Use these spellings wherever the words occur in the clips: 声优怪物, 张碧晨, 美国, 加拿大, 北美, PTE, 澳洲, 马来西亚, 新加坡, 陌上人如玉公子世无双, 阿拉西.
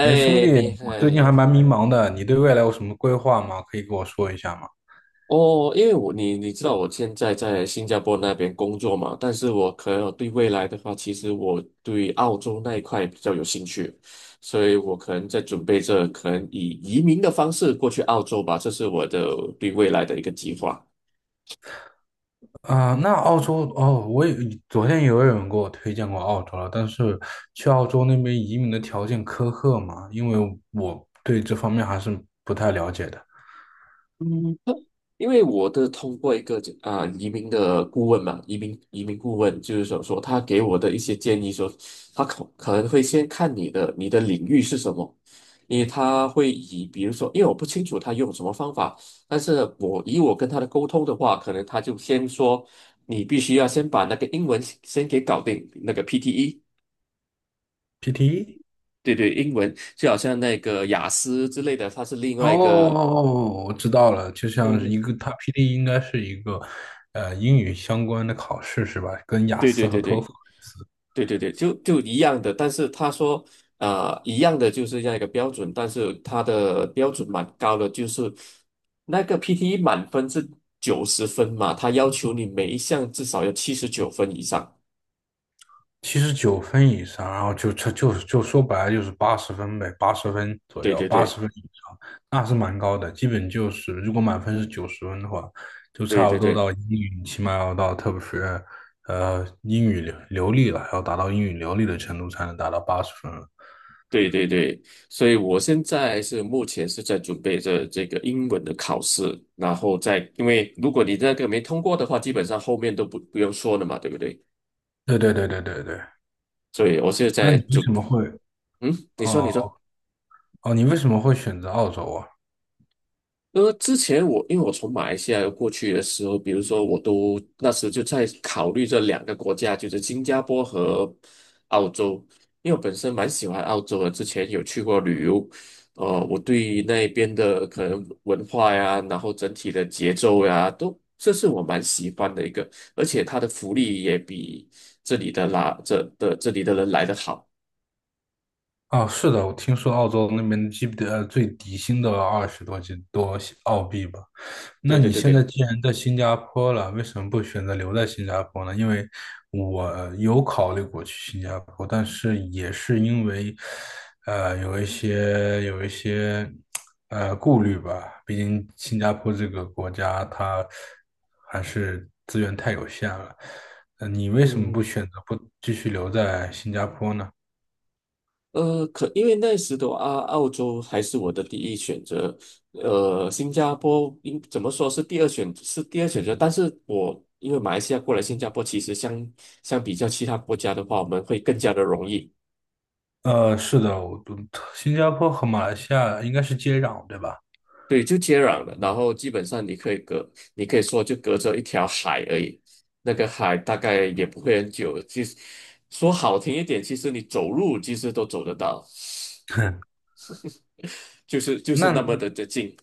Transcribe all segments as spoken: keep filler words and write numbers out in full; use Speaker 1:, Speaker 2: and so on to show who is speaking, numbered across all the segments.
Speaker 1: 哎，兄弟，
Speaker 2: 你
Speaker 1: 我最近
Speaker 2: 还
Speaker 1: 还蛮迷茫的，你对未来有什么规划吗？可以跟我说一下吗？
Speaker 2: 哦，因为我你你知道我现在在新加坡那边工作嘛，但是我可能对未来的话，其实我对澳洲那一块比较有兴趣，所以我可能在准备着，可能以移民的方式过去澳洲吧，这是我的对未来的一个计划。
Speaker 1: 啊、那澳洲哦，我也昨天也有人给我推荐过澳洲了，但是去澳洲那边移民的条件苛刻嘛，因为我对这方面还是不太了解的。
Speaker 2: 因为我的通过一个啊、移民的顾问嘛，移民移民顾问就是说说他给我的一些建议说，他可可能会先看你的你的领域是什么，因为他会以比如说，因为我不清楚他用什么方法，但是我以我跟他的沟通的话，可能他就先说你必须要先把那个英文先给搞定，那个 P T E，
Speaker 1: P T E？
Speaker 2: 对对，英文就好像那个雅思之类的，它是另外一个，
Speaker 1: 哦，我知道了，就像是
Speaker 2: 嗯，
Speaker 1: 一个，它 P T E 应该是一个呃英语相关的考试是吧？跟雅
Speaker 2: 对对
Speaker 1: 思和
Speaker 2: 对
Speaker 1: 托
Speaker 2: 对。
Speaker 1: 福类似。
Speaker 2: 对对对，就就一样的，但是他说，啊、一样的就是这样一个标准，但是他的标准蛮高的，就是那个 P T E 满分是九十分嘛，他要求你每一项至少要七十九分以上。
Speaker 1: 七十九分以上，然后就就就是就说白了就是八十分呗，八十分左
Speaker 2: 对
Speaker 1: 右，
Speaker 2: 对
Speaker 1: 八
Speaker 2: 对
Speaker 1: 十分以上，那是蛮高的。基本就是如果满分是九十分的话，就
Speaker 2: 对
Speaker 1: 差不
Speaker 2: 对
Speaker 1: 多
Speaker 2: 对
Speaker 1: 到英语起码要到特别是呃英语流流利了，要达到英语流利的程度才能达到八十分了。
Speaker 2: 对对对，所以我现在是目前是在准备着这个英文的考试，然后再因为如果你那个没通过的话，基本上后面都不不用说了嘛，对不对？
Speaker 1: 对对对对对对。
Speaker 2: 所以我现在
Speaker 1: 那
Speaker 2: 在
Speaker 1: 你为
Speaker 2: 准，
Speaker 1: 什么会
Speaker 2: 嗯，你说
Speaker 1: 哦
Speaker 2: 你说。
Speaker 1: 哦？你为什么会选择澳洲啊？
Speaker 2: 呃，之前我因为我从马来西亚过去的时候，比如说我都那时就在考虑这两个国家，就是新加坡和澳洲，因为我本身蛮喜欢澳洲的，之前有去过旅游，呃，我对那边的可能文化呀，然后整体的节奏呀，都这是我蛮喜欢的一个，而且它的福利也比这里的啦这的这里的人来的好，
Speaker 1: 哦，是的，我听说澳洲那边基本呃最底薪都要二十多几多澳币吧。那
Speaker 2: 对对
Speaker 1: 你
Speaker 2: 对
Speaker 1: 现在
Speaker 2: 对。
Speaker 1: 既然在新加坡了，为什么不选择留在新加坡呢？因为我有考虑过去新加坡，但是也是因为，呃，有一些有一些呃顾虑吧。毕竟新加坡这个国家，它还是资源太有限了。呃，你为什么不
Speaker 2: 嗯，
Speaker 1: 选择不继续留在新加坡呢？
Speaker 2: 呃，可因为那时的啊，澳洲还是我的第一选择，呃，新加坡应怎么说是第二选是第二选择，但是我因为马来西亚过来新加坡，其实相相比较其他国家的话，我们会更加的容易，
Speaker 1: 呃，是的，我新加坡和马来西亚应该是接壤，对吧？
Speaker 2: 对，就接壤了，然后基本上你可以隔，你可以说就隔着一条海而已，那个海大概也不会很久，其实说好听一点，其实你走路其实都走得到，就是就
Speaker 1: 那
Speaker 2: 是那么的的近。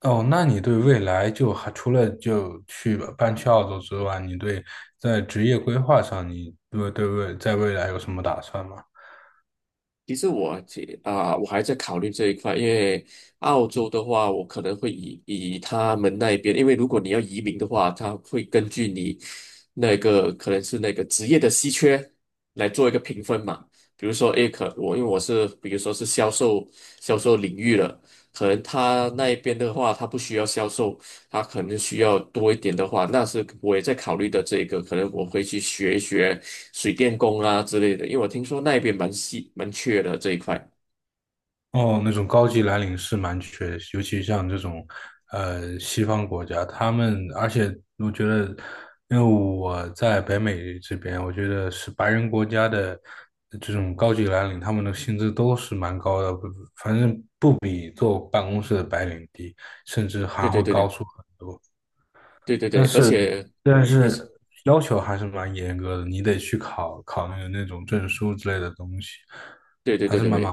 Speaker 1: 哦，那你对未来就还除了就去搬去澳洲之外，你对在职业规划上，你对对未在未来有什么打算吗？
Speaker 2: 其实我这啊、我还在考虑这一块，因为澳洲的话，我可能会以以他们那边，因为如果你要移民的话，他会根据你那个可能是那个职业的稀缺来做一个评分嘛。比如说，诶，可我因为我是比如说是销售销售领域了，可能他那一边的话，他不需要销售，他可能需要多一点的话，那是我也在考虑的这个，可能我会去学一学水电工啊之类的，因为我听说那边蛮稀蛮缺的这一块。
Speaker 1: 哦，那种高级蓝领是蛮缺尤其像这种呃西方国家，他们而且我觉得，因为我在北美这边，我觉得是白人国家的这种高级蓝领，他们的薪资都是蛮高的，不反正不比坐办公室的白领低，甚至
Speaker 2: 对
Speaker 1: 还
Speaker 2: 对
Speaker 1: 会
Speaker 2: 对
Speaker 1: 高
Speaker 2: 对
Speaker 1: 出很多。
Speaker 2: 对对
Speaker 1: 但
Speaker 2: 对，而
Speaker 1: 是
Speaker 2: 且
Speaker 1: 但
Speaker 2: 嗯你是
Speaker 1: 是要求还是蛮严格的，你得去考考那个那种证书之类的东西，
Speaker 2: 对对
Speaker 1: 还
Speaker 2: 对
Speaker 1: 是
Speaker 2: 对
Speaker 1: 蛮麻。
Speaker 2: 对，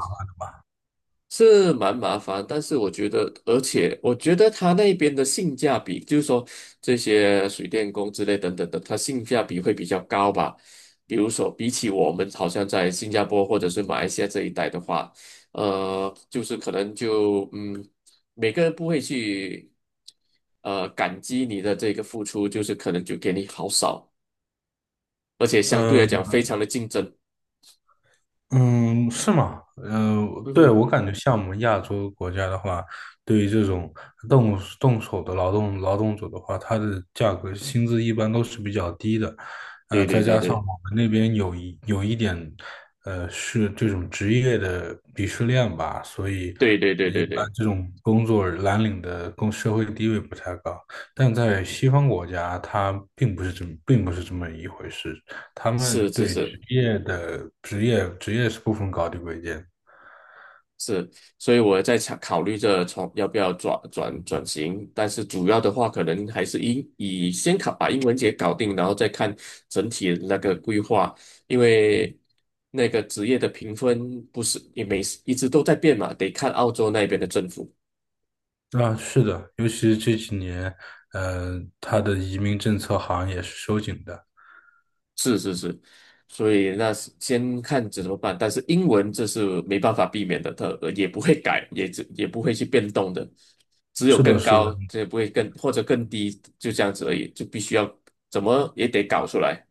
Speaker 2: 是蛮麻烦，但是我觉得，而且我觉得他那边的性价比，就是说这些水电工之类等等的，它性价比会比较高吧。比如说，比起我们好像在新加坡或者是马来西亚这一带的话，呃，就是可能就嗯，每个人不会去呃感激你的这个付出，就是可能就给你好少，而且相对来讲非常的竞争。
Speaker 1: 嗯，是吗？呃，
Speaker 2: 嗯
Speaker 1: 对，
Speaker 2: 哼，
Speaker 1: 我感觉像我们亚洲国家的话，对于这种动动手的劳动劳动者的话，他的价格薪资一般都是比较低的，呃，
Speaker 2: 对对
Speaker 1: 再
Speaker 2: 对
Speaker 1: 加上
Speaker 2: 对
Speaker 1: 我们那边有一有一点，呃，是这种职业的鄙视链吧，所以
Speaker 2: 对对对
Speaker 1: 呃一
Speaker 2: 对
Speaker 1: 般
Speaker 2: 对，
Speaker 1: 这种工作蓝领的工社会地位不太高，但在西方国家，它并不是这么并不是这么一回事。他们
Speaker 2: 是是
Speaker 1: 对
Speaker 2: 是。
Speaker 1: 职业的职业职业是不分高低贵贱。
Speaker 2: 是，所以我在想考虑着从要不要转转转型，但是主要的话，可能还是以以先考把英文节搞定，然后再看整体的那个规划，因为那个职业的评分不是也每一直都在变嘛，得看澳洲那边的政府。
Speaker 1: 啊，是的，尤其是这几年，呃，他的移民政策好像也是收紧的。
Speaker 2: 是是是，所以那是先看怎么办。但是英文这是没办法避免的，它呃也不会改，也只也不会去变动的，只有
Speaker 1: 是的，
Speaker 2: 更
Speaker 1: 是的，
Speaker 2: 高，这也不会更或者更低，就这样子而已，就必须要怎么也得搞出来。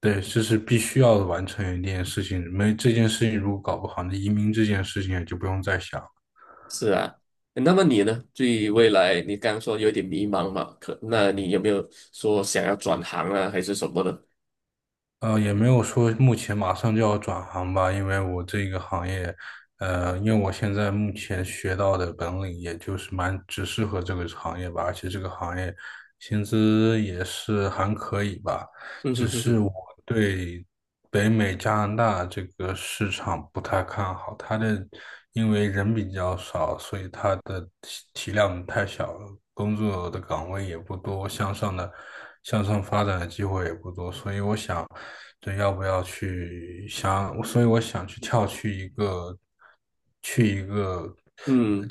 Speaker 1: 对，这是必须要完成一件事情，没这件事情如果搞不好，那移民这件事情也就不用再想。
Speaker 2: 是啊，那么你呢？对于未来，你刚刚说有点迷茫嘛？可那你有没有说想要转行啊，还是什么的？
Speaker 1: 呃，也没有说目前马上就要转行吧，因为我这个行业，呃，因为我现在目前学到的本领，也就是蛮只适合这个行业吧，而且这个行业薪资也是还可以吧，
Speaker 2: 嗯
Speaker 1: 只
Speaker 2: 哼哼
Speaker 1: 是
Speaker 2: 哼，
Speaker 1: 我对北美加拿大这个市场不太看好，它的因为人比较少，所以它的体体量太小了，工作的岗位也不多，向上的向上发展的机会也不多，所以我想。对，要不要去想？所以我想去跳去一个去一个
Speaker 2: 嗯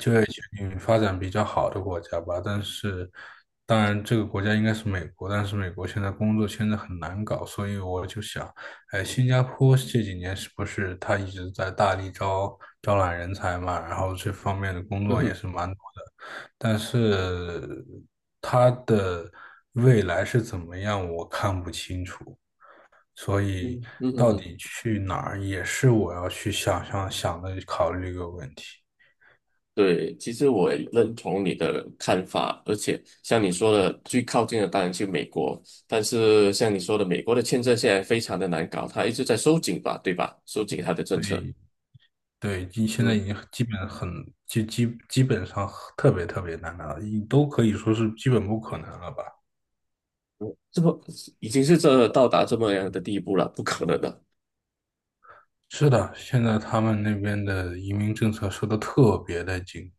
Speaker 1: 嗯发展比较好的国家吧。但是，当然这个国家应该是美国，但是美国现在工作签证很难搞，所以我就想，哎，新加坡这几年是不是他一直在大力招招揽人才嘛？然后这方面的工
Speaker 2: 嗯
Speaker 1: 作也
Speaker 2: 哼
Speaker 1: 是蛮多的，但是它的未来是怎么样，我看不清楚。所以
Speaker 2: 嗯嗯嗯
Speaker 1: 到
Speaker 2: 哼
Speaker 1: 底去哪儿也是我要去想想想的考虑一个问题。
Speaker 2: 对，其实我也认同你的看法，而且像你说的，最靠近的当然去美国，但是像你说的，美国的签证现在非常的难搞，它一直在收紧吧，对吧？收紧它的政策，
Speaker 1: 对对，你现在
Speaker 2: 嗯，
Speaker 1: 已经基本很基基基本上特别特别难了，你都可以说是基本不可能了吧？
Speaker 2: 这么已经是这到达这么样的地步了，不可能的，
Speaker 1: 是的，现在他们那边的移民政策收的特别的紧，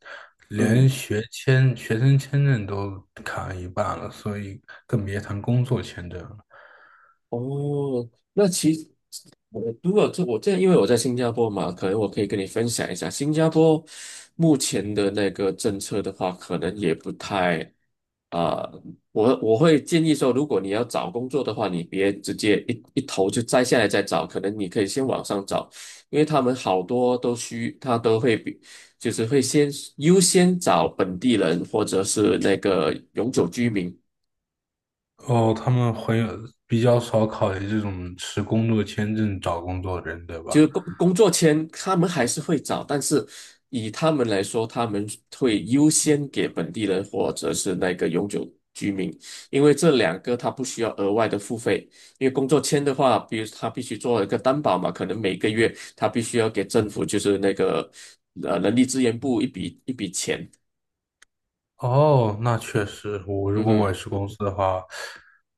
Speaker 1: 连
Speaker 2: 嗯。
Speaker 1: 学签、学生签证都砍了一半了，所以更别谈工作签证了。
Speaker 2: 哦，那其实我如果这我这因为我在新加坡嘛，可能我可以跟你分享一下新加坡目前的那个政策的话，可能也不太啊、我我会建议说，如果你要找工作的话，你别直接一一头就摘下来再找，可能你可以先网上找，因为他们好多都需他都会比就是会先优先找本地人或者是那个永久居民。
Speaker 1: 哦，他们会比较少考虑这种持工作签证找工作的人，对吧？
Speaker 2: 就是工工作签，他们还是会找，但是以他们来说，他们会优先给本地人或者是那个永久居民，因为这两个他不需要额外的付费。因为工作签的话，比如他必须做一个担保嘛，可能每个月他必须要给政府就是那个呃人力资源部一笔一笔钱。
Speaker 1: 哦，那
Speaker 2: 嗯
Speaker 1: 确实，我如
Speaker 2: 嗯
Speaker 1: 果我
Speaker 2: 哼，
Speaker 1: 也是公司的话，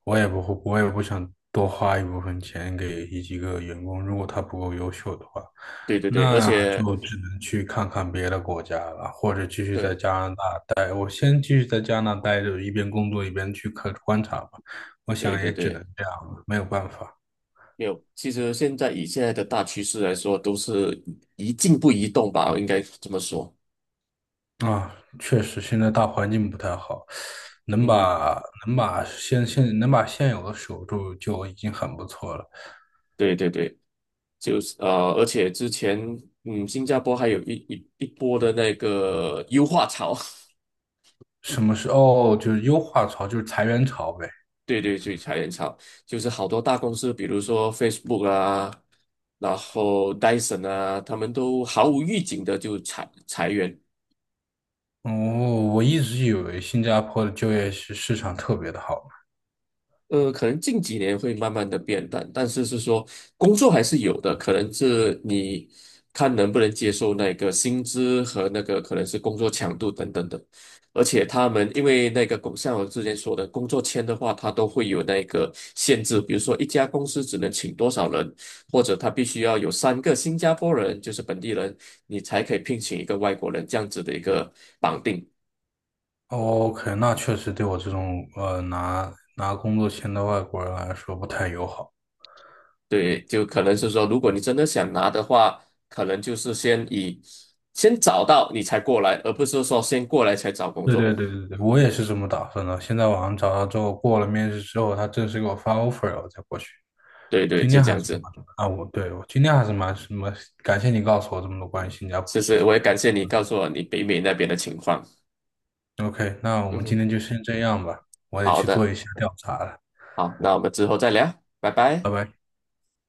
Speaker 1: 我也不会，我也不想多花一部分钱给一几个员工，如果他不够优秀的话，
Speaker 2: 对对对，而
Speaker 1: 那
Speaker 2: 且
Speaker 1: 就只能去看看别的国家了，或者继续在
Speaker 2: 对
Speaker 1: 加拿大待。我先继续在加拿大待着，一边工作一边去看观察吧。我
Speaker 2: 对
Speaker 1: 想
Speaker 2: 对
Speaker 1: 也只
Speaker 2: 对。
Speaker 1: 能这样了，没有办法。
Speaker 2: 没有，其实现在以现在的大趋势来说，都是一静不移动吧，应该这么说。
Speaker 1: 啊，确实，现在大环境不太好，能
Speaker 2: 嗯，
Speaker 1: 把能把现现能把现有的守住就已经很不错了。
Speaker 2: 对对对，就是呃，而且之前嗯，新加坡还有一一一波的那个优化潮，
Speaker 1: 什么是哦，就是优化潮，就是裁员潮呗。
Speaker 2: 对对对，裁员潮，就是好多大公司，比如说 Facebook 啊，然后 Dyson 啊，他们都毫无预警的就裁裁员。
Speaker 1: 哦，我一直以为新加坡的就业市市场特别的好。
Speaker 2: 呃，可能近几年会慢慢的变淡，但是是说工作还是有的，可能是你看能不能接受那个薪资和那个可能是工作强度等等的，而且他们因为那个工像我之前说的工作签的话，它都会有那个限制，比如说一家公司只能请多少人，或者他必须要有三个新加坡人，就是本地人，你才可以聘请一个外国人这样子的一个绑定。
Speaker 1: 哦 OK，那确实对我这种呃拿拿工作签的外国人来说不太友好。
Speaker 2: 对，就可能是说，如果你真的想拿的话，可能就是先以先找到你才过来，而不是说先过来才找工
Speaker 1: 对
Speaker 2: 作。
Speaker 1: 对对对对，我也是这么打算的。现在网上找到之后，过了面试之后，他正式给我发 offer 了，我再过去。
Speaker 2: 对对，
Speaker 1: 今
Speaker 2: 就
Speaker 1: 天
Speaker 2: 这
Speaker 1: 还
Speaker 2: 样
Speaker 1: 是
Speaker 2: 子。
Speaker 1: 蛮啊，我对我今天还是蛮什么，感谢你告诉我这么多关于新加坡的
Speaker 2: 是
Speaker 1: 事
Speaker 2: 是，我
Speaker 1: 情。
Speaker 2: 也感谢你告诉我你北美那边的情况。
Speaker 1: OK，那我
Speaker 2: 嗯
Speaker 1: 们今
Speaker 2: 哼，
Speaker 1: 天就先这样吧，我得
Speaker 2: 好
Speaker 1: 去做
Speaker 2: 的，
Speaker 1: 一下调查了，
Speaker 2: 好，那我们之后再聊，拜拜。
Speaker 1: 拜拜。